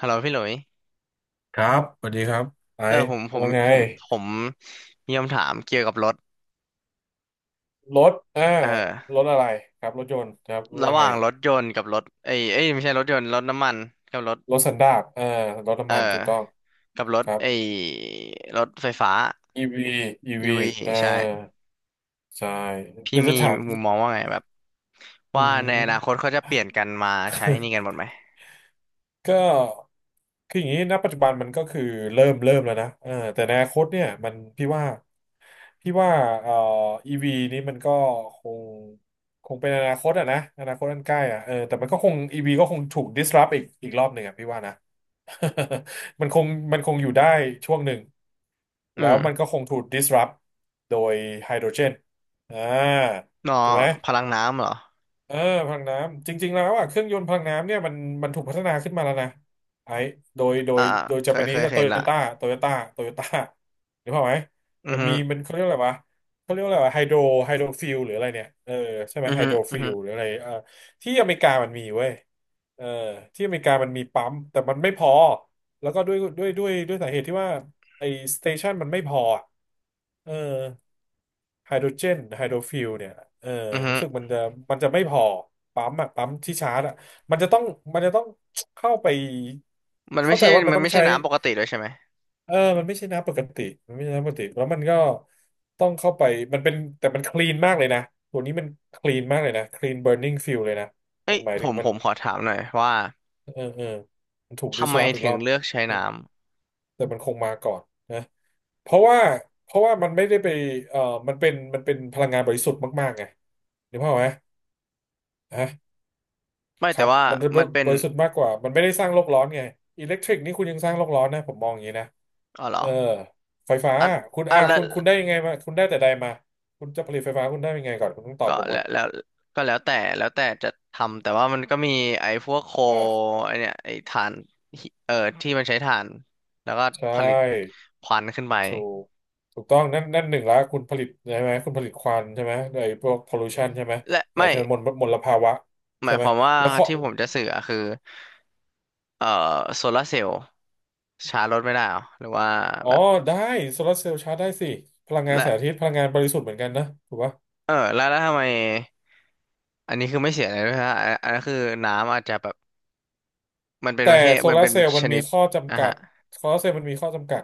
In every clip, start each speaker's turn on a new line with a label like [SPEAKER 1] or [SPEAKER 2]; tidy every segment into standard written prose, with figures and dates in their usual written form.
[SPEAKER 1] ฮัลโหลพี่หลุย
[SPEAKER 2] ครับสวัสดีครับไอ้
[SPEAKER 1] เออผมผม
[SPEAKER 2] ว่าไง
[SPEAKER 1] ผมผมมีคำถามเกี่ยวกับรถ
[SPEAKER 2] รถอ่า
[SPEAKER 1] เอ
[SPEAKER 2] ร
[SPEAKER 1] อ
[SPEAKER 2] ถอะไรครับรถยนต์ครับ
[SPEAKER 1] ระ
[SPEAKER 2] ว่า
[SPEAKER 1] ห
[SPEAKER 2] ไง
[SPEAKER 1] ว่างรถยนต์กับรถเอ้ยเอ้ยไม่ใช่รถยนต์รถน้ำมันกับรถ
[SPEAKER 2] รถสันดาปอ่ารถ
[SPEAKER 1] เออ
[SPEAKER 2] น้ำมันถูกต้อง
[SPEAKER 1] กับรถ
[SPEAKER 2] ครับ
[SPEAKER 1] ไอ้รถไฟฟ้า
[SPEAKER 2] อีวีอี
[SPEAKER 1] อี
[SPEAKER 2] วี
[SPEAKER 1] ว v
[SPEAKER 2] เออ
[SPEAKER 1] ใช่
[SPEAKER 2] ใช่
[SPEAKER 1] พี่
[SPEAKER 2] เดี๋ยวจะ
[SPEAKER 1] มี
[SPEAKER 2] ถาม
[SPEAKER 1] มุมมองว่าไงแบบ
[SPEAKER 2] อื
[SPEAKER 1] ว่าในอนาคต
[SPEAKER 2] ม
[SPEAKER 1] เขาจะเปลี่ยนกันมาใช้ นี่กันหมดไหม
[SPEAKER 2] ก็คืออย่างนี้ณปัจจุบันมันก็คือเริ่มแล้วนะเออแต่ในอนาคตเนี่ยมันพี่ว่าพี่ว่าเอ่ออีวีนี้มันก็คงคงเป็นอนาคตอะนะอนาคตอันใกล้อะเออแต่มันก็คงอีวีก็คงถูก disrupt อีกอีกรอบหนึ่งอะพี่ว่านะ มันคงมันคงอยู่ได้ช่วงหนึ่ง
[SPEAKER 1] อื
[SPEAKER 2] แล้วมัน
[SPEAKER 1] ม
[SPEAKER 2] ก็คงถูก disrupt โดยไฮโดรเจนอ่า
[SPEAKER 1] นอ
[SPEAKER 2] ถูกไหม
[SPEAKER 1] พลังน้ำเหรอ
[SPEAKER 2] เออพลังน้ำจริงๆแล้วอ่ะเครื่องยนต์พลังน้ำเนี่ยมันมันถูกพัฒนาขึ้นมาแล้วนะไอ้โดยโด
[SPEAKER 1] อ่า
[SPEAKER 2] ยโดย
[SPEAKER 1] เค
[SPEAKER 2] จาป
[SPEAKER 1] ย
[SPEAKER 2] นิ
[SPEAKER 1] เคย
[SPEAKER 2] ส
[SPEAKER 1] เคยเห็นละ
[SPEAKER 2] โตโยต้านึกภาพไหม
[SPEAKER 1] อือ
[SPEAKER 2] มัน
[SPEAKER 1] ฮึ
[SPEAKER 2] มีมันเขาเรียกอะไรวะเขาเรียกว่าอะไรไฮโดรไฮโดรฟิลหรืออะไรเนี่ยเออใช่ไหม
[SPEAKER 1] อือ
[SPEAKER 2] ไฮ
[SPEAKER 1] ฮึ
[SPEAKER 2] โดร
[SPEAKER 1] อื
[SPEAKER 2] ฟิ
[SPEAKER 1] อฮึ
[SPEAKER 2] ลหรืออะไรเออที่อเมริกามันมีเว้ยเออที่อเมริกามันมีปั๊มแต่มันไม่พอแล้วก็ด้วยสาเหตุที่ว่าไอ้สเตชันมันไม่พออะเออ ไฮโดรเจนไฮโดรฟิลเนี่ยเออ
[SPEAKER 1] อือฮึ
[SPEAKER 2] รู้สึกมันจะมันจะไม่พอปั๊มอะปั๊มที่ชาร์จอะมันจะต้องมันจะต้องเข้าไป
[SPEAKER 1] มันไม่
[SPEAKER 2] เข้าใจ
[SPEAKER 1] ใช่
[SPEAKER 2] ว่ามัน
[SPEAKER 1] มัน
[SPEAKER 2] ต้อง
[SPEAKER 1] ไม่ใช่
[SPEAKER 2] ใช้
[SPEAKER 1] น้ำปกติด้วยใช่ไหม
[SPEAKER 2] เออมันไม่ใช่น้ำปกติมันไม่ใช่น้ำปกติแล้วมันก็ต้องเข้าไปมันเป็นแต่มันคลีนมากเลยนะตัวนี้มันคลีนมากเลยนะคลีนเบ u ร์นิ่งฟิลเลยนะ
[SPEAKER 1] เอ้
[SPEAKER 2] มั
[SPEAKER 1] ย
[SPEAKER 2] นหมาย
[SPEAKER 1] ผ
[SPEAKER 2] ถึง
[SPEAKER 1] ม
[SPEAKER 2] มั
[SPEAKER 1] ผ
[SPEAKER 2] น
[SPEAKER 1] มขอถามหน่อยว่า
[SPEAKER 2] เออมันถูกดิ
[SPEAKER 1] ทำ
[SPEAKER 2] ส
[SPEAKER 1] ไม
[SPEAKER 2] ลอฟอีก
[SPEAKER 1] ถึ
[SPEAKER 2] ร
[SPEAKER 1] ง
[SPEAKER 2] อบ
[SPEAKER 1] เลือกใช้
[SPEAKER 2] แต่
[SPEAKER 1] น้ำ
[SPEAKER 2] แต่มันคงมาก่อนนะเพราะว่าเพราะว่ามันไม่ได้ไปเออมันเป็นมันเป็นพลังงานบริสุทธิ์มากๆไงนึกภาพไหม ฮะ
[SPEAKER 1] ไม่
[SPEAKER 2] ค
[SPEAKER 1] แต่
[SPEAKER 2] รับ
[SPEAKER 1] ว่า
[SPEAKER 2] มันจะ
[SPEAKER 1] มันเป็น
[SPEAKER 2] บริสุทธิ์มากกว่ามันไม่ได้สร้างโลกร้อนไงอิเล็กทริกนี่คุณยังสร้างโลกร้อนนะผมมองอย่างนี้นะ
[SPEAKER 1] อ๋อเหรอ
[SPEAKER 2] เออไฟฟ้า
[SPEAKER 1] อ่ะ
[SPEAKER 2] คุณ
[SPEAKER 1] อ่ะ
[SPEAKER 2] อ่า
[SPEAKER 1] แล้ว
[SPEAKER 2] คุณได้ยังไงมาคุณได้แต่ใดมาคุณจะผลิตไฟฟ้าคุณได้ยังไงก่อนคุณต้องตอบ
[SPEAKER 1] ก็
[SPEAKER 2] ผมก่
[SPEAKER 1] แล้
[SPEAKER 2] อ
[SPEAKER 1] ว
[SPEAKER 2] น
[SPEAKER 1] แล้วก็แล้วแต่แล้วแต่จะทำแต่ว่ามันก็มีไอ้พวกโค
[SPEAKER 2] อ่า
[SPEAKER 1] ไอ้เนี่ยไอ้ถ่านหิที่มันใช้ถ่านแล้วก็
[SPEAKER 2] ใช
[SPEAKER 1] ผลิต
[SPEAKER 2] ่
[SPEAKER 1] ควันขึ้นไป
[SPEAKER 2] ถูกถูกต้องนั่นหนึ่งละคุณผลิตใช่ไหมคุณผลิตควันใช่ไหมไอ้พวกพอลูชันใช่ไหม
[SPEAKER 1] และ
[SPEAKER 2] เออ
[SPEAKER 1] ไม่
[SPEAKER 2] ใช่ไหมมลภาวะ
[SPEAKER 1] ห
[SPEAKER 2] ใช่
[SPEAKER 1] มาย
[SPEAKER 2] ไห
[SPEAKER 1] ค
[SPEAKER 2] ม
[SPEAKER 1] วามว่า
[SPEAKER 2] แล้วข้อ
[SPEAKER 1] ที่ผมจะสื่ออะคือเอ่อโซลาร์เซลล์ชาร์จรถไม่ได้เหรอหรือว่า
[SPEAKER 2] อ๋อ
[SPEAKER 1] แบบ
[SPEAKER 2] ได้โซลาร์เซลล์ชาร์จได้สิพลังงานแสงอา
[SPEAKER 1] และ
[SPEAKER 2] ทิตย์พลังงานบริสุทธิ์เหมือนกันนะถูกปะ
[SPEAKER 1] เออแล้วแล้วทำไมอันนี้คือไม่เสียเลยด้วยฮะอันนั้นคือน้ำอาจจะแบบ มันเป็น
[SPEAKER 2] แต่
[SPEAKER 1] ประเทศ
[SPEAKER 2] โซ
[SPEAKER 1] มัน
[SPEAKER 2] ลาร์
[SPEAKER 1] เป็น
[SPEAKER 2] เซลล์
[SPEAKER 1] ช
[SPEAKER 2] มันมี
[SPEAKER 1] นิด
[SPEAKER 2] ข้อ
[SPEAKER 1] อ่ะ
[SPEAKER 2] จำกั
[SPEAKER 1] ฮะ
[SPEAKER 2] ดโซลาร์เซลล์มันมีข้อจำกัด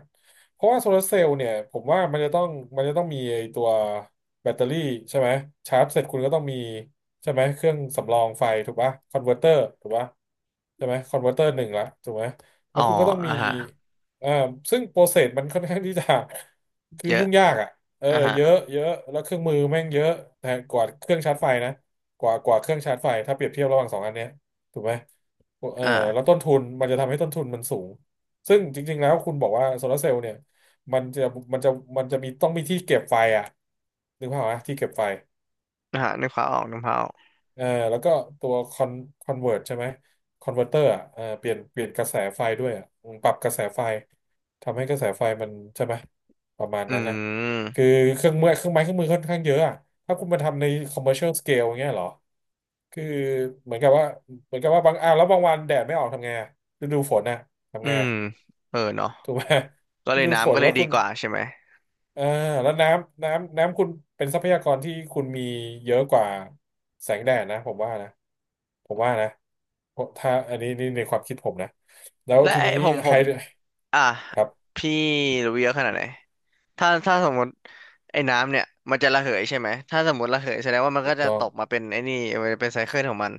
[SPEAKER 2] เพราะว่าโซลาร์เซลล์เนี่ยผมว่ามันจะต้องมันจะต้องมีไอ้ตัวแบตเตอรี่ใช่ไหมชาร์จเสร็จคุณก็ต้องมีใช่ไหมเครื่องสำรองไฟถูกปะคอนเวอร์เตอร์ถูกปะใช่ไหมคอนเวอร์เตอร์หนึ่งละถูกไหมแล้
[SPEAKER 1] อ๋อ
[SPEAKER 2] วคุณก็ต้องมี
[SPEAKER 1] อ่ะฮะ
[SPEAKER 2] อ่าซึ่งโปรเซสมันค่อนข้างที่จะ คือ
[SPEAKER 1] เยอะ
[SPEAKER 2] ยุ่งยากอ่ะเออ
[SPEAKER 1] อ่ะฮะ
[SPEAKER 2] เยอะเยอะแล้วเครื่องมือแม่งเยอะแต่กว่าเครื่องชาร์จไฟนะกว่ากว่าเครื่องชาร์จไฟถ้าเปรียบเทียบระหว่างสองอันเนี้ยถูกไหม เออแล้ว
[SPEAKER 1] อ่า
[SPEAKER 2] ต้นทุนมันจะทำให้ต้นทุนมันสูงซึ่งจริงๆแล้วคุณบอกว่าโซลาร์เซลล์เนี่ยมันจะมันจะมันจะมีต้องมีที่เก็บไฟอ่ะนึกภาพไหมที่เก็บไฟ
[SPEAKER 1] อ่ะฮะนึกภาพออก
[SPEAKER 2] เออแล้วก็ตัวคอนคอนเวิร์ตใช่ไหมคอนเวอร์เตอร์อ่ะเออเปลี่ยนกระแสไฟด้วยอ่ะอืมปรับกระแสไฟทำให้กระแสไฟมันใช่ไหมประมาณ
[SPEAKER 1] อื
[SPEAKER 2] นั้นนะคื
[SPEAKER 1] ม
[SPEAKER 2] อเครื่องมือเครื่องไม้เครื่องมือค่อนข้างเยอะอ่ะถ้าคุณมาทำใน commercial scale อย่างเงี้ยเหรอคือเหมือนกับว่าเหมือนกับว่าบางอ่ะแล้วบางวันแดดไม่ออกทำไงอ่ะฤดูฝนน่ะ
[SPEAKER 1] อื
[SPEAKER 2] ทำไง
[SPEAKER 1] ม
[SPEAKER 2] อะ
[SPEAKER 1] เออเนาะ
[SPEAKER 2] ถูกไหม
[SPEAKER 1] ก็
[SPEAKER 2] ฤ
[SPEAKER 1] เลย
[SPEAKER 2] ดูฝ
[SPEAKER 1] น้ำ
[SPEAKER 2] น
[SPEAKER 1] ก็เล
[SPEAKER 2] แล้
[SPEAKER 1] ย
[SPEAKER 2] ว
[SPEAKER 1] ดี
[SPEAKER 2] คุณ
[SPEAKER 1] กว่าใช่ไหม
[SPEAKER 2] อ่าแล้วน้ำคุณเป็นทรัพยากรที่คุณมีเยอะกว่าแสงแดดนะผมว่านะผมว่านะเพราะถ้าอันนี้นี่ในความคิดผมนะแล้ว
[SPEAKER 1] และ
[SPEAKER 2] ที
[SPEAKER 1] ไอ้
[SPEAKER 2] นี้
[SPEAKER 1] ผมผ
[SPEAKER 2] ไฮ
[SPEAKER 1] มอ่ะ
[SPEAKER 2] ครับ
[SPEAKER 1] พี่รู้เยอะขนาดไหนถ้าสมมติไอ้น้ำเนี่ยมันจะระเหยใช่ไหมถ้าสมมติระเหยแสดงว่ามัน
[SPEAKER 2] ถู
[SPEAKER 1] ก็
[SPEAKER 2] ก
[SPEAKER 1] จะ
[SPEAKER 2] ต้อ
[SPEAKER 1] ต
[SPEAKER 2] ง
[SPEAKER 1] กมาเป็นไอ้นี่มันจะเป็นไซเคิลของมัน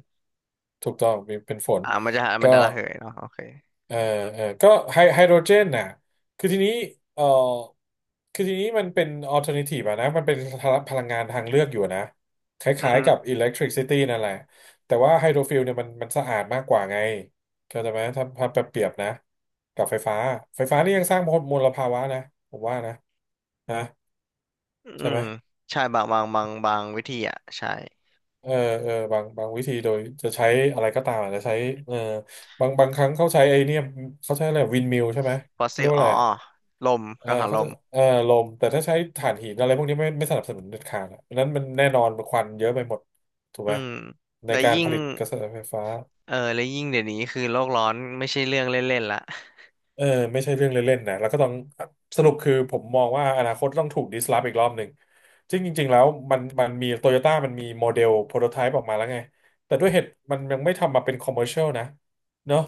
[SPEAKER 2] ถูกต้องเป็นเป็นฝน
[SPEAKER 1] อ่ามันจะามัน
[SPEAKER 2] ก็
[SPEAKER 1] จะระเหยเนาะโอเค
[SPEAKER 2] เออเออก็ไฮโดรเจนน่ะคือทีนี้เออคือทีนี้มันเป็นอ l ลเทอร์ i v ทีอะนะมันเป็นพลังงานทางเลือกอยู่อะนะค
[SPEAKER 1] อืมอ
[SPEAKER 2] ล้าย
[SPEAKER 1] ฮึ
[SPEAKER 2] ๆกับอิเล็กทริกซิตี้นั่นแหละแต่ว่าไฮโดรฟิลเนี่ยมันสะอาดมากกว่าไงเข้าใจไหมถ้าเปรียบนะกับไฟฟ้าไฟฟ้านี่ยังสร้างมลภาวะนะผมว่านะนะ
[SPEAKER 1] อื
[SPEAKER 2] ใช่
[SPEAKER 1] ม
[SPEAKER 2] ไหม
[SPEAKER 1] ใช่บางบางวิธีอ่ะใช่
[SPEAKER 2] เออเออบางวิธีโดยจะใช้อะไรก็ตามอาจจะใช้เออบางครั้งเขาใช้ไอเนี่ยเขาใช้อะไรวินมิลใช่ไหม
[SPEAKER 1] ฟอส
[SPEAKER 2] เขา
[SPEAKER 1] ซิ
[SPEAKER 2] เรีย
[SPEAKER 1] ล
[SPEAKER 2] กว่า
[SPEAKER 1] อ๋
[SPEAKER 2] อะ
[SPEAKER 1] อ
[SPEAKER 2] ไร
[SPEAKER 1] ลม
[SPEAKER 2] เออ
[SPEAKER 1] กังหัน
[SPEAKER 2] เขา
[SPEAKER 1] ล
[SPEAKER 2] จะ
[SPEAKER 1] ม
[SPEAKER 2] เออลมแต่ถ้าใช้ถ่านหินอะไรพวกนี้ไม่สนับสนุนเด็ดขาดอะเพราะฉะนั้นมันแน่นอนมันควันเยอะไปหมดถูก
[SPEAKER 1] อื
[SPEAKER 2] ไหม
[SPEAKER 1] ม
[SPEAKER 2] ใน
[SPEAKER 1] และ
[SPEAKER 2] การ
[SPEAKER 1] ยิ่
[SPEAKER 2] ผ
[SPEAKER 1] ง
[SPEAKER 2] ลิตกระแสไฟฟ้า
[SPEAKER 1] เออและยิ่งเดี๋ยวนี้คือโลกร้อนไม่ใช่เรื่องเล่นๆละ
[SPEAKER 2] เออไม่ใช่เรื่องเล่นๆนะแล้วก็ต้องสรุปคือผมมองว่าอนาคตต้องถูกดิสลอฟอีกรอบหนึ่งจริงจริงๆแล้วมันมีโตโยต้ามันมีโมเดลโปรโตไทป์ออกมาแล้วไงแต่ด้วยเหตุมันยังไม่ทำมาเป็นคอมเมอร์เชียลนะเนาะ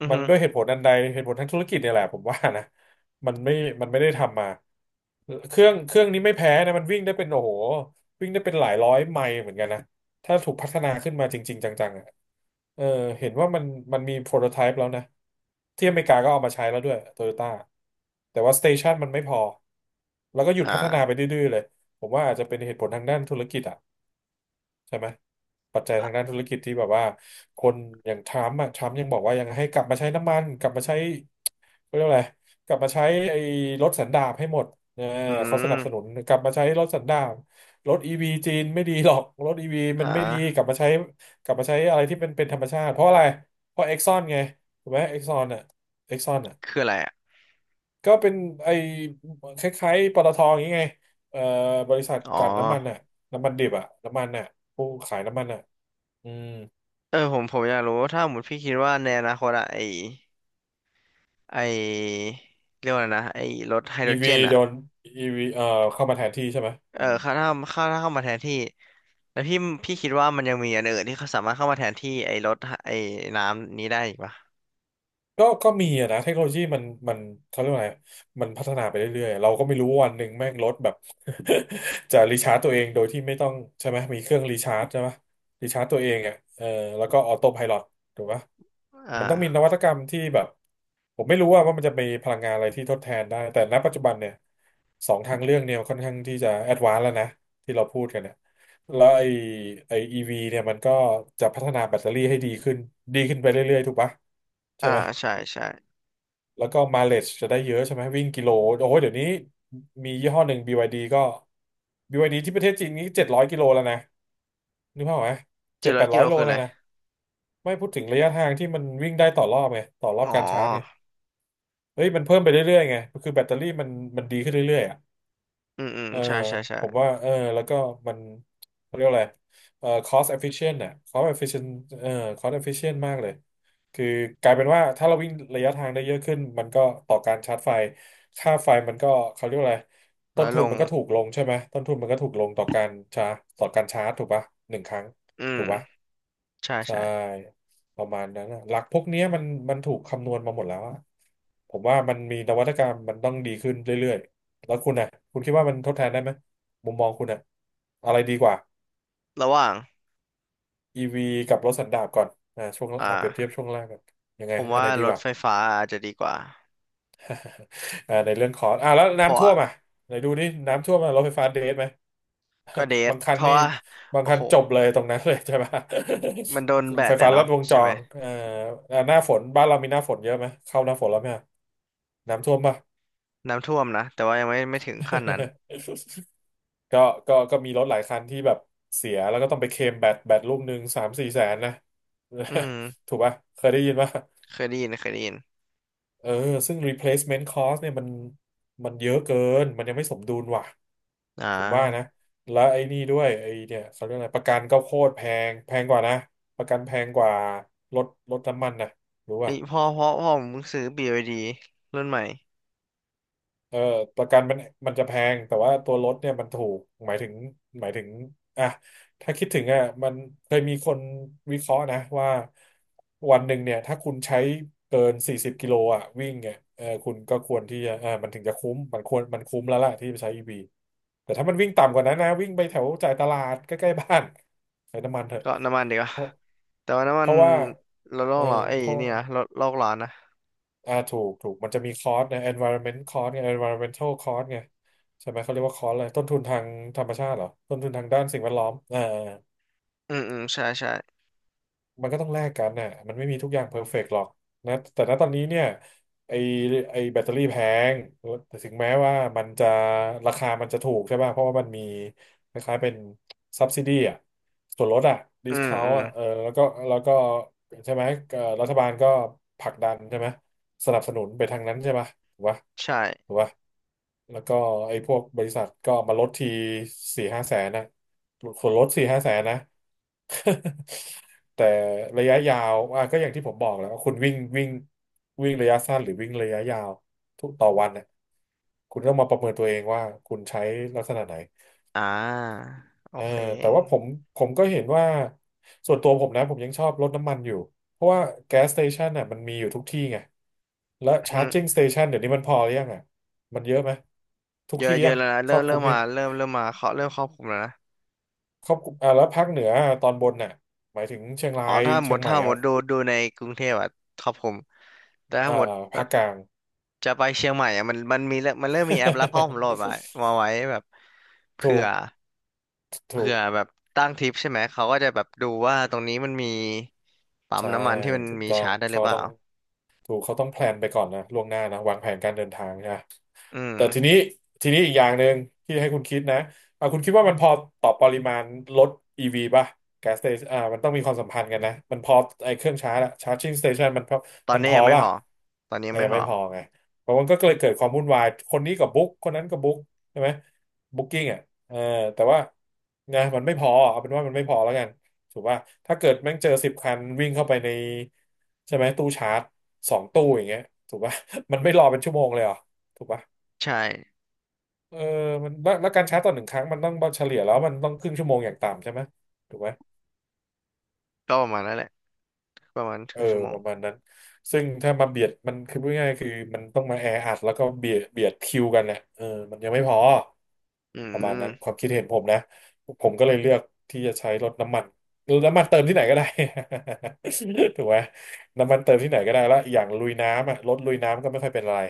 [SPEAKER 1] อือ
[SPEAKER 2] มัน
[SPEAKER 1] ฮึ
[SPEAKER 2] ด้วยเหตุผลอันใดเหตุผลทางธุรกิจเนี่ยแหละผมว่านะมันไม่มันไม่ได้ทำมาเครื่องนี้ไม่แพ้นะมันวิ่งได้เป็นโอ้โหวิ่งได้เป็นหลายร้อยไมล์เหมือนกันนะถ้าถูกพัฒนาขึ้นมาจริงๆจังๆอะ เออเห็นว่ามันมันมีโปรโตไทป์แล้วนะที่อเมริกาก็เอามาใช้แล้วด้วยโตโยต้าแต่ว่าสเตชันมันไม่พอแล้วก็หยุ
[SPEAKER 1] อ
[SPEAKER 2] ดพัฒนาไป
[SPEAKER 1] ่า
[SPEAKER 2] ดื้อๆเลยผมว่าอาจจะเป็นเหตุผลทางด้านธุรกิจอะ ใช่ไหมปัจจัยทางด้านธุรกิจที่แบบว่าคนอย่างทรัมป์อะทรัมป์ยังบอกว่ายังให้กลับมาใช้น้ำมันกลับมาใช้เขาเรียกว่าอะไรกลับมาใช้ไอ้รถสันดาปให้หมดเออ
[SPEAKER 1] อื
[SPEAKER 2] เขาสนับสนุ
[SPEAKER 1] ม
[SPEAKER 2] นกลับมาใช้รถสันดาปรถอีวีจีนไม่ดีหรอกรถอีวี
[SPEAKER 1] อ่
[SPEAKER 2] มันไม่ดีก
[SPEAKER 1] า
[SPEAKER 2] ลับมาใช้กลับมาใช้อะไรที่เป็นธรรมชาติเพราะอะไรเพราะเอ็กซอนไงถูกไหมเอ็กซอนอ่ะเอ็กซอนอ่ะ
[SPEAKER 1] คืออะไรอ่ะ
[SPEAKER 2] ก็เป็นไอ้คล้ายๆปตทอย่างงี้ไงเอ่อบริษัท
[SPEAKER 1] อ๋อ
[SPEAKER 2] กลั่นน้ำมันอ่ะน้ำมันดิบอ่ะน้ำมันอ่ะผู้ขายน้ำมันอ่ะ อืม
[SPEAKER 1] เออผมอยากรู้ว่าถ้าสมมติพี่คิดว่าในอนาคตอะไอไอเรียกว่าอะไรนะไอรถไฮโด
[SPEAKER 2] อี
[SPEAKER 1] รเจ
[SPEAKER 2] วี
[SPEAKER 1] น
[SPEAKER 2] โด
[SPEAKER 1] อะ
[SPEAKER 2] นอีวีเข้ามาแทนที่ใช่ไหม
[SPEAKER 1] เอ
[SPEAKER 2] อื
[SPEAKER 1] อ
[SPEAKER 2] ม
[SPEAKER 1] ถ้าเข้ามาแทนที่แล้วพี่คิดว่ามันยังมีอันอื่นที่เขาสามารถเข้ามาแทนที่ไอรถไอน้ำนี้ได้อีกปะ
[SPEAKER 2] ก็มีอะนะ เทคโนโลยีมันมันเขาเรียกว่าไงมันพัฒนาไปเรื่อยๆเราก็ไม่รู้วันหนึ่งแม่งรถแบบ จะรีชาร์จตัวเองโดยที่ไม่ต้องใช่ไหมมีเครื่องรีชาร์จใช่ไหมรีชาร์จตัวเองอ่ะเออแล้วก็ออโต้ไพลอตถูกปะ
[SPEAKER 1] อ่า
[SPEAKER 2] มันต้องมีนวัตกรรมที่แบบผมไม่รู้ว่ามันจะมีพลังงานอะไรที่ทดแทนได้ แต่ณปัจจุบันเนี่ยสองทางเรื่องเนี่ยค่อนข้างที่จะแอดวานซ์แล้วนะที่เราพูดกันเนี่ยแล้วไอ้ไอ้อีวีเนี่ยมันก็จะพัฒนาแบตเตอรี่ให้ดีขึ้นดีขึ้นไปเรื่อยๆถูกปะใช่
[SPEAKER 1] อ่า
[SPEAKER 2] ไหม
[SPEAKER 1] ใช่ใช่
[SPEAKER 2] แล้วก็ m i l e a g e จะได้เยอะใช่ไหมวิ่งกิโลโอ้โหเดี๋ยวนี้มียี่ห้อหนึ่ง BYD ก็ BYD ที่ประเทศจีนนี้700 กิโลแล้วนะนึกภาพออกไหม
[SPEAKER 1] เจ็
[SPEAKER 2] เจ็
[SPEAKER 1] ด
[SPEAKER 2] ด
[SPEAKER 1] ร้
[SPEAKER 2] แป
[SPEAKER 1] อย
[SPEAKER 2] ด
[SPEAKER 1] กิ
[SPEAKER 2] ร้อ
[SPEAKER 1] โล
[SPEAKER 2] ยโล
[SPEAKER 1] คืออะ
[SPEAKER 2] แล้ว
[SPEAKER 1] ไร
[SPEAKER 2] นะไม่พูดถึงระยะทางที่มันวิ่งได้ต่อรอบไงต่อรอบ
[SPEAKER 1] อ๋อ
[SPEAKER 2] การชาร์จไงเฮ้ยมันเพิ่มไปเรื่อยๆไงคือแบตเตอรี่มันมันดีขึ้นเรื่อยๆอะ
[SPEAKER 1] อืมอืม
[SPEAKER 2] เออ
[SPEAKER 1] ใช่ใช่ใช่
[SPEAKER 2] ผมว่าเออแล้วก็มันเขาเรียกอะไรเออ cost efficient น่ะ cost efficient เออ cost efficient มากเลยคือกลายเป็นว่าถ้าเราวิ่งระยะทางได้เยอะขึ้นมันก็ต่อการชาร์จไฟค่าไฟมันก็เขาเรียกว่าอะไรต้
[SPEAKER 1] น้อ
[SPEAKER 2] น
[SPEAKER 1] ย
[SPEAKER 2] ทุ
[SPEAKER 1] ล
[SPEAKER 2] น
[SPEAKER 1] ง
[SPEAKER 2] มันก็ถูกลงใช่ไหมต้นทุนมันก็ถูกลงต่อการชาร์จต่อการชาร์จถูกปะหนึ่งครั้ง
[SPEAKER 1] อื
[SPEAKER 2] ถู
[SPEAKER 1] ม
[SPEAKER 2] กปะ
[SPEAKER 1] ใช่
[SPEAKER 2] ใช่
[SPEAKER 1] ใช่
[SPEAKER 2] ประมาณนั้นนะหลักพวกเนี้ยมันมันถูกคำนวณมาหมดแล้วอะผมว่ามันมีนวัตกรรมมันต้องดีขึ้นเรื่อยๆแล้วคุณนะคุณคิดว่ามันทดแทนได้ไหมมุมมองคุณอะอะไรดีกว่า
[SPEAKER 1] ระหว่าง
[SPEAKER 2] e ีวีกับรถสันดาปก่อนอ่าช่วงอ่าเปรียบเทีย
[SPEAKER 1] อ่า
[SPEAKER 2] บช่วงแรกกันยัง
[SPEAKER 1] ผ
[SPEAKER 2] ไง
[SPEAKER 1] ม
[SPEAKER 2] อันไห
[SPEAKER 1] ว่า
[SPEAKER 2] นดี
[SPEAKER 1] ร
[SPEAKER 2] ก
[SPEAKER 1] ถ
[SPEAKER 2] ว่า
[SPEAKER 1] ไฟฟ้าอาจจะดีกว่า
[SPEAKER 2] อ่าในเรื่องของอ่าแล้ว
[SPEAKER 1] เพราะ
[SPEAKER 2] น้ำท่ว
[SPEAKER 1] ว่า
[SPEAKER 2] มอ่ะไหนดูนี่น้ำท่วมอะรถไฟฟ้าเดทไหม
[SPEAKER 1] ก็เด ท
[SPEAKER 2] บางคัน
[SPEAKER 1] เพราะ
[SPEAKER 2] นี่
[SPEAKER 1] ว่า
[SPEAKER 2] บาง
[SPEAKER 1] โอ้
[SPEAKER 2] คัน
[SPEAKER 1] โห
[SPEAKER 2] จบเลยตรงนั้นเลยใช่ไหม
[SPEAKER 1] มันโดนแบ
[SPEAKER 2] ไฟ
[SPEAKER 1] ดอะ
[SPEAKER 2] ฟ้าลั
[SPEAKER 1] เนาะ
[SPEAKER 2] ดวงจ
[SPEAKER 1] ใช่ไหม
[SPEAKER 2] รหน้าฝนบ้านเรามีหน้าฝนเยอะไหมเข้าหน้าฝนแล้วไหม น้ำท่วมป่ะ
[SPEAKER 1] น้ำท่วมนะแต่ว่ายังไม่ไม่ถึงขั้นนั้น
[SPEAKER 2] ก็ก็มีรถหลายคันที่แบบเสียแล้วก็ต้องไปเคลมแบตลูก1 3-4 แสนนะ
[SPEAKER 1] อืม
[SPEAKER 2] ถูกป่ะเคยได้ยินป่ะ
[SPEAKER 1] เคยได้ยินเคยได้ยิน
[SPEAKER 2] เออซึ่ง replacement cost เนี่ยมันมันเยอะเกินมันยังไม่สมดุลว่ะ
[SPEAKER 1] อ่
[SPEAKER 2] ผมว่านะ
[SPEAKER 1] า
[SPEAKER 2] แล้วไอ้นี่ด้วยไอ้เนี่ยเขาเรียกอะไรประกันก็โคตรแพงแพงกว่านะประกันแพงกว่ารถน้ำมันนะรู้
[SPEAKER 1] เอ้
[SPEAKER 2] ป่ะ
[SPEAKER 1] ยพ่อผมเพิ่งซื้อ b y รุ่นใหม่
[SPEAKER 2] เออประกันมันจะแพงแต่ว่าตัวรถเนี่ยมันถูกหมายถึงหมายถึงอ่ะถ้าคิดถึงอ่ะมันเคยมีคนวิเคราะห์นะว่าวันหนึ่งเนี่ยถ้าคุณใช้เกิน40 กิโลอ่ะวิ่งเนี่ยเออคุณก็ควรที่จะมันถึงจะคุ้มมันควรมันคุ้มแล้วล่ะที่ไปใช้อีวีแต่ถ้ามันวิ่งต่ำกว่านั้นนะวิ่งไปแถวจ่ายตลาดใกล้ๆบ้านใช้น้ำมันเถอะ
[SPEAKER 1] ก็น้ำมันดีกว่า
[SPEAKER 2] เพราะ
[SPEAKER 1] แต่ว่าน้ำ
[SPEAKER 2] เพ
[SPEAKER 1] มัน
[SPEAKER 2] ราะว่า
[SPEAKER 1] ลดโล
[SPEAKER 2] เออ
[SPEAKER 1] กร้อนเอ้ย
[SPEAKER 2] เพราะ
[SPEAKER 1] นี่นะลดโลกร้อนนะ
[SPEAKER 2] ถูกมันจะมีคอร์สนะ environment cost ไง environmental cost ไงใช่ไหมเขาเรียกว่าคอร์สอะไรต้นทุนทางธรรมชาติเหรอต้นทุนทางด้านสิ่งแวดล้อม
[SPEAKER 1] อืมอืมใช่ใช่
[SPEAKER 2] มันก็ต้องแลกกันน่ะมันไม่มีทุกอย่างเพอร์เฟกต์หรอกนะแต่ณตอนนี้เนี่ยไอไอแบตเตอรี่แพงแต่ถึงแม้ว่ามันจะราคามันจะถูกใช่ป่ะเพราะว่ามันมีคล้ายๆเป็น subsidy อ่ะส่วนลดอ่ะ
[SPEAKER 1] อืมอื
[SPEAKER 2] discount
[SPEAKER 1] ม
[SPEAKER 2] อ่ะเออแล้วก็ใช่ไหมรัฐบาลก็ผลักดันใช่ไหม สนับสนุนไปทางนั้นใช่ป่ะถูกป่ะ
[SPEAKER 1] ใช่
[SPEAKER 2] ถูกป่ะ แล้วก็ไอ้พวกบริษัทก็มาลดทีสี่ห้าแสนนะส่วนลดสี่ห้าแสนนะ แต่ระยะยาวอ่ะก็อย่างที่ผมบอกแหล้วาคุณวิ่งวิ่งวิ่งระยะสั้นหรือวิ่งระยะยาวทุกต่อวันเนี่ยคุณต้องมาประเมินตัวเองว่าคุณใช้ลักษณะไหน
[SPEAKER 1] อ่าโอ
[SPEAKER 2] เออ
[SPEAKER 1] เค
[SPEAKER 2] แต่ว่าผมก็เห็นว่าส่วนตัวผมนะผมยังชอบรถน้ำมันอยู่เพราะว่าแก๊สสเตชันน่ะมันมีอยู่ทุกที่ไงและ
[SPEAKER 1] อื
[SPEAKER 2] ชาร์
[SPEAKER 1] ม
[SPEAKER 2] จิ่งสเตชันเดี๋ยวนี้มันพอหรือยังอ่ะมันเยอะไหมทุก
[SPEAKER 1] เยอะ
[SPEAKER 2] ที่
[SPEAKER 1] เย
[SPEAKER 2] ยั
[SPEAKER 1] อะ
[SPEAKER 2] ง
[SPEAKER 1] แล้วนะ
[SPEAKER 2] ค
[SPEAKER 1] เริ่
[SPEAKER 2] รอ
[SPEAKER 1] ม
[SPEAKER 2] บค
[SPEAKER 1] เริ่
[SPEAKER 2] ลุ
[SPEAKER 1] ม
[SPEAKER 2] มยั
[SPEAKER 1] มา
[SPEAKER 2] ง
[SPEAKER 1] เริ่มมาเขาเริ่มครอบคลุมแล้วนะ
[SPEAKER 2] ครอบคลุมอ่าแล้วภาคเหนือตอนบนน่ะหมายถึงเชียงรา
[SPEAKER 1] อ๋อ
[SPEAKER 2] ย
[SPEAKER 1] ถ้าหม
[SPEAKER 2] เชีย
[SPEAKER 1] ด
[SPEAKER 2] งใหม่
[SPEAKER 1] ถ้าหม
[SPEAKER 2] อ่ะ
[SPEAKER 1] ดดูดูในกรุงเทพอะครอบคลุมแต่ถ้า
[SPEAKER 2] อ่า
[SPEAKER 1] หมดแบ
[SPEAKER 2] ภา
[SPEAKER 1] บ
[SPEAKER 2] คกลาง
[SPEAKER 1] จะไปเชียงใหม่อะมันมันมีแล้วมันเริ่มมีแอปแล้วพ่อผมโหลดมามาไว้แบบ
[SPEAKER 2] ถู
[SPEAKER 1] เผื่อ
[SPEAKER 2] กถู
[SPEAKER 1] เผื่
[SPEAKER 2] ก
[SPEAKER 1] อแบบตั้งทริปใช่ไหมเขาก็จะแบบดูว่าตรงนี้มันมีปั๊ม
[SPEAKER 2] ใช่
[SPEAKER 1] น้ำมันที่มัน
[SPEAKER 2] ถูก
[SPEAKER 1] มี
[SPEAKER 2] ต้อง
[SPEAKER 1] ชาร์จได้หรื
[SPEAKER 2] เขา
[SPEAKER 1] อเป
[SPEAKER 2] ต้
[SPEAKER 1] ล่า
[SPEAKER 2] องถูกเขาต้องแพลนไปก่อนนะล่วงหน้านะวางแผนการเดินทางนะ
[SPEAKER 1] อืม
[SPEAKER 2] แต่ทีนี้อีกอย่างหนึ่งที่ให้คุณคิดนะอ่ะคุณคิดว่ามันพอต่อปริมาณรถ EV ป่ะ gas station อ่ามันต้องมีความสัมพันธ์กันนะ มันพอไอ้เครื่องชาร์จอะ charging station มันพอ
[SPEAKER 1] ตอน
[SPEAKER 2] มัน
[SPEAKER 1] นี้
[SPEAKER 2] พอ
[SPEAKER 1] ยังไม่พ
[SPEAKER 2] ป่ะ
[SPEAKER 1] อตอนนี้ยั
[SPEAKER 2] อ่ะ
[SPEAKER 1] งไม่
[SPEAKER 2] ยัง
[SPEAKER 1] พอ
[SPEAKER 2] ไม่พอไงเพราะมันก็เลยเกิดความวุ่นวายคนนี้กับบุ๊กคนนั้นกับบุ๊กใช่ไหมบุ๊กกิ้งอ่ะเออแต่ว่านะมันไม่พอเอาเป็นว่ามันไม่พอแล้วกันถูกป่ะถ้าเกิดแม่งเจอ10 คันวิ่งเข้าไปในใช่ไหมตู้ชาร์จสองตู้อย่างเงี้ยถูกป่ะ มันไม่รอเป็นชั่วโมงเลยเหรอถูกป่ะ
[SPEAKER 1] ใช่
[SPEAKER 2] เออมันแล้วการชาร์จต่อหนึ่งครั้งมันต้องเฉลี่ยแล้วมันต้องครึ่งชั่วโมงอย่างต่ำใช่ไหมถูกไหม
[SPEAKER 1] ก็ประมาณนั้นแหละประมาณค
[SPEAKER 2] เอ
[SPEAKER 1] รึ่
[SPEAKER 2] อ
[SPEAKER 1] งชั่วโม
[SPEAKER 2] ป
[SPEAKER 1] ง
[SPEAKER 2] ระมาณนั้นซึ่งถ้ามาเบียดมันคือพูดง่ายๆคือมันต้องมาแออัดแล้วก็เบียดคิวกันนะเออมันยังไม่พอ
[SPEAKER 1] อื
[SPEAKER 2] ประมาณนั้นค
[SPEAKER 1] ม
[SPEAKER 2] วามคิดเห็นผมนะผมก็เลยเลือกที่จะใช้รถน้ำมันรถน้ำมันเติมที่ไหนก็ได้ ถูกไหมน้ำมันเติมที่ไหนก็ได้แล้วอย่างลุยน้ำอ่ะรถลุยน้ำก็ไม่ค่อยเป็นอะไร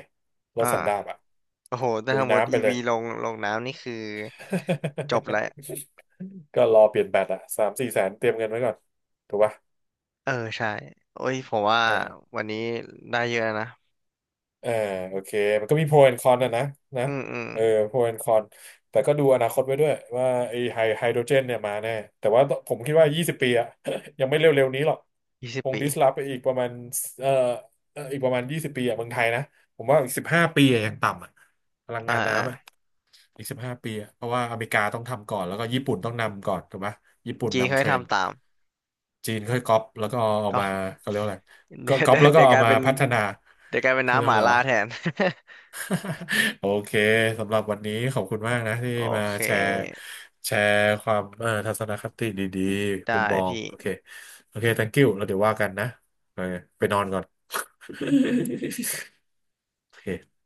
[SPEAKER 2] รถสันดาป
[SPEAKER 1] อ่า
[SPEAKER 2] อ่ะ
[SPEAKER 1] โอ้โหแต่
[SPEAKER 2] ลุย
[SPEAKER 1] ถ้าหมดต
[SPEAKER 2] น้ำไป
[SPEAKER 1] อี
[SPEAKER 2] เล
[SPEAKER 1] วี
[SPEAKER 2] ย
[SPEAKER 1] ลงลงน้ำนี่คือจบแล้ว
[SPEAKER 2] ก็รอเปลี่ยนแบตอะ3-4 แสนเตรียมเงินไว้ก่อนถูกป่ะ
[SPEAKER 1] เออใช่ โอ้ยผมว่า
[SPEAKER 2] อ่า
[SPEAKER 1] วันนี้ได้เยอะนะ
[SPEAKER 2] อ่าโอเคมันก็มีโปรแอนคอนนะ
[SPEAKER 1] อืมอืม
[SPEAKER 2] เออโปรแอนคอนแต่ก็ดูอนาคตไว้ด้วยว่าไอ้ไฮโดรเจนเนี่ยมาแน่แต่ว่าผมคิดว่า20ปีอะ ยังไม่เร็วๆนี้หรอก
[SPEAKER 1] ยี่สิบ
[SPEAKER 2] คง
[SPEAKER 1] ปี
[SPEAKER 2] ดิสลอฟไปอีกประมาณเอ่ออีกประมาณ20ปีอะเมืองไทยนะผมว่าอีก15ปีอะอย่างต่ำอะพลัง
[SPEAKER 1] อ่า
[SPEAKER 2] งาน
[SPEAKER 1] อ่า
[SPEAKER 2] น้ำอะ อีก15 ปีอะเพราะว่าอเมริกาต้องทำก่อนแล้วก็ญี่ปุ่นต้องนำก่อนถูกไหมญี่ปุ่น
[SPEAKER 1] จี
[SPEAKER 2] นำ
[SPEAKER 1] เขา
[SPEAKER 2] เท
[SPEAKER 1] ให้
[SPEAKER 2] รนด์
[SPEAKER 1] ทำตาม
[SPEAKER 2] จีนค่อยก๊อปแล้วก็เอา
[SPEAKER 1] ก็
[SPEAKER 2] มาเขาเรียกว่าอะไร
[SPEAKER 1] เดี๋
[SPEAKER 2] ก็
[SPEAKER 1] ยว
[SPEAKER 2] ก๊อป
[SPEAKER 1] เดี๋ยว
[SPEAKER 2] แล้วก็
[SPEAKER 1] เดี๋ยวก
[SPEAKER 2] เอา
[SPEAKER 1] ลาย
[SPEAKER 2] มา
[SPEAKER 1] เป็น
[SPEAKER 2] พัฒนา
[SPEAKER 1] เดี๋ยวกลายเป็น
[SPEAKER 2] เขาเรีย
[SPEAKER 1] น้ำ
[SPEAKER 2] ก
[SPEAKER 1] ห
[SPEAKER 2] ว่า
[SPEAKER 1] มา
[SPEAKER 2] อะไร
[SPEAKER 1] ล่า
[SPEAKER 2] วะ
[SPEAKER 1] แทน
[SPEAKER 2] โอเคสำหรับวันนี้ขอบคุณมากนะที่
[SPEAKER 1] โอ
[SPEAKER 2] มา
[SPEAKER 1] เค
[SPEAKER 2] แชร์แชร์ความทัศนคติดีๆมุ
[SPEAKER 1] ได้
[SPEAKER 2] มมอง
[SPEAKER 1] พี่
[SPEAKER 2] โอเคโอเค thank you แล้วเดี๋ยวว่ากันนะโอเคไปนอนก่อน โอเค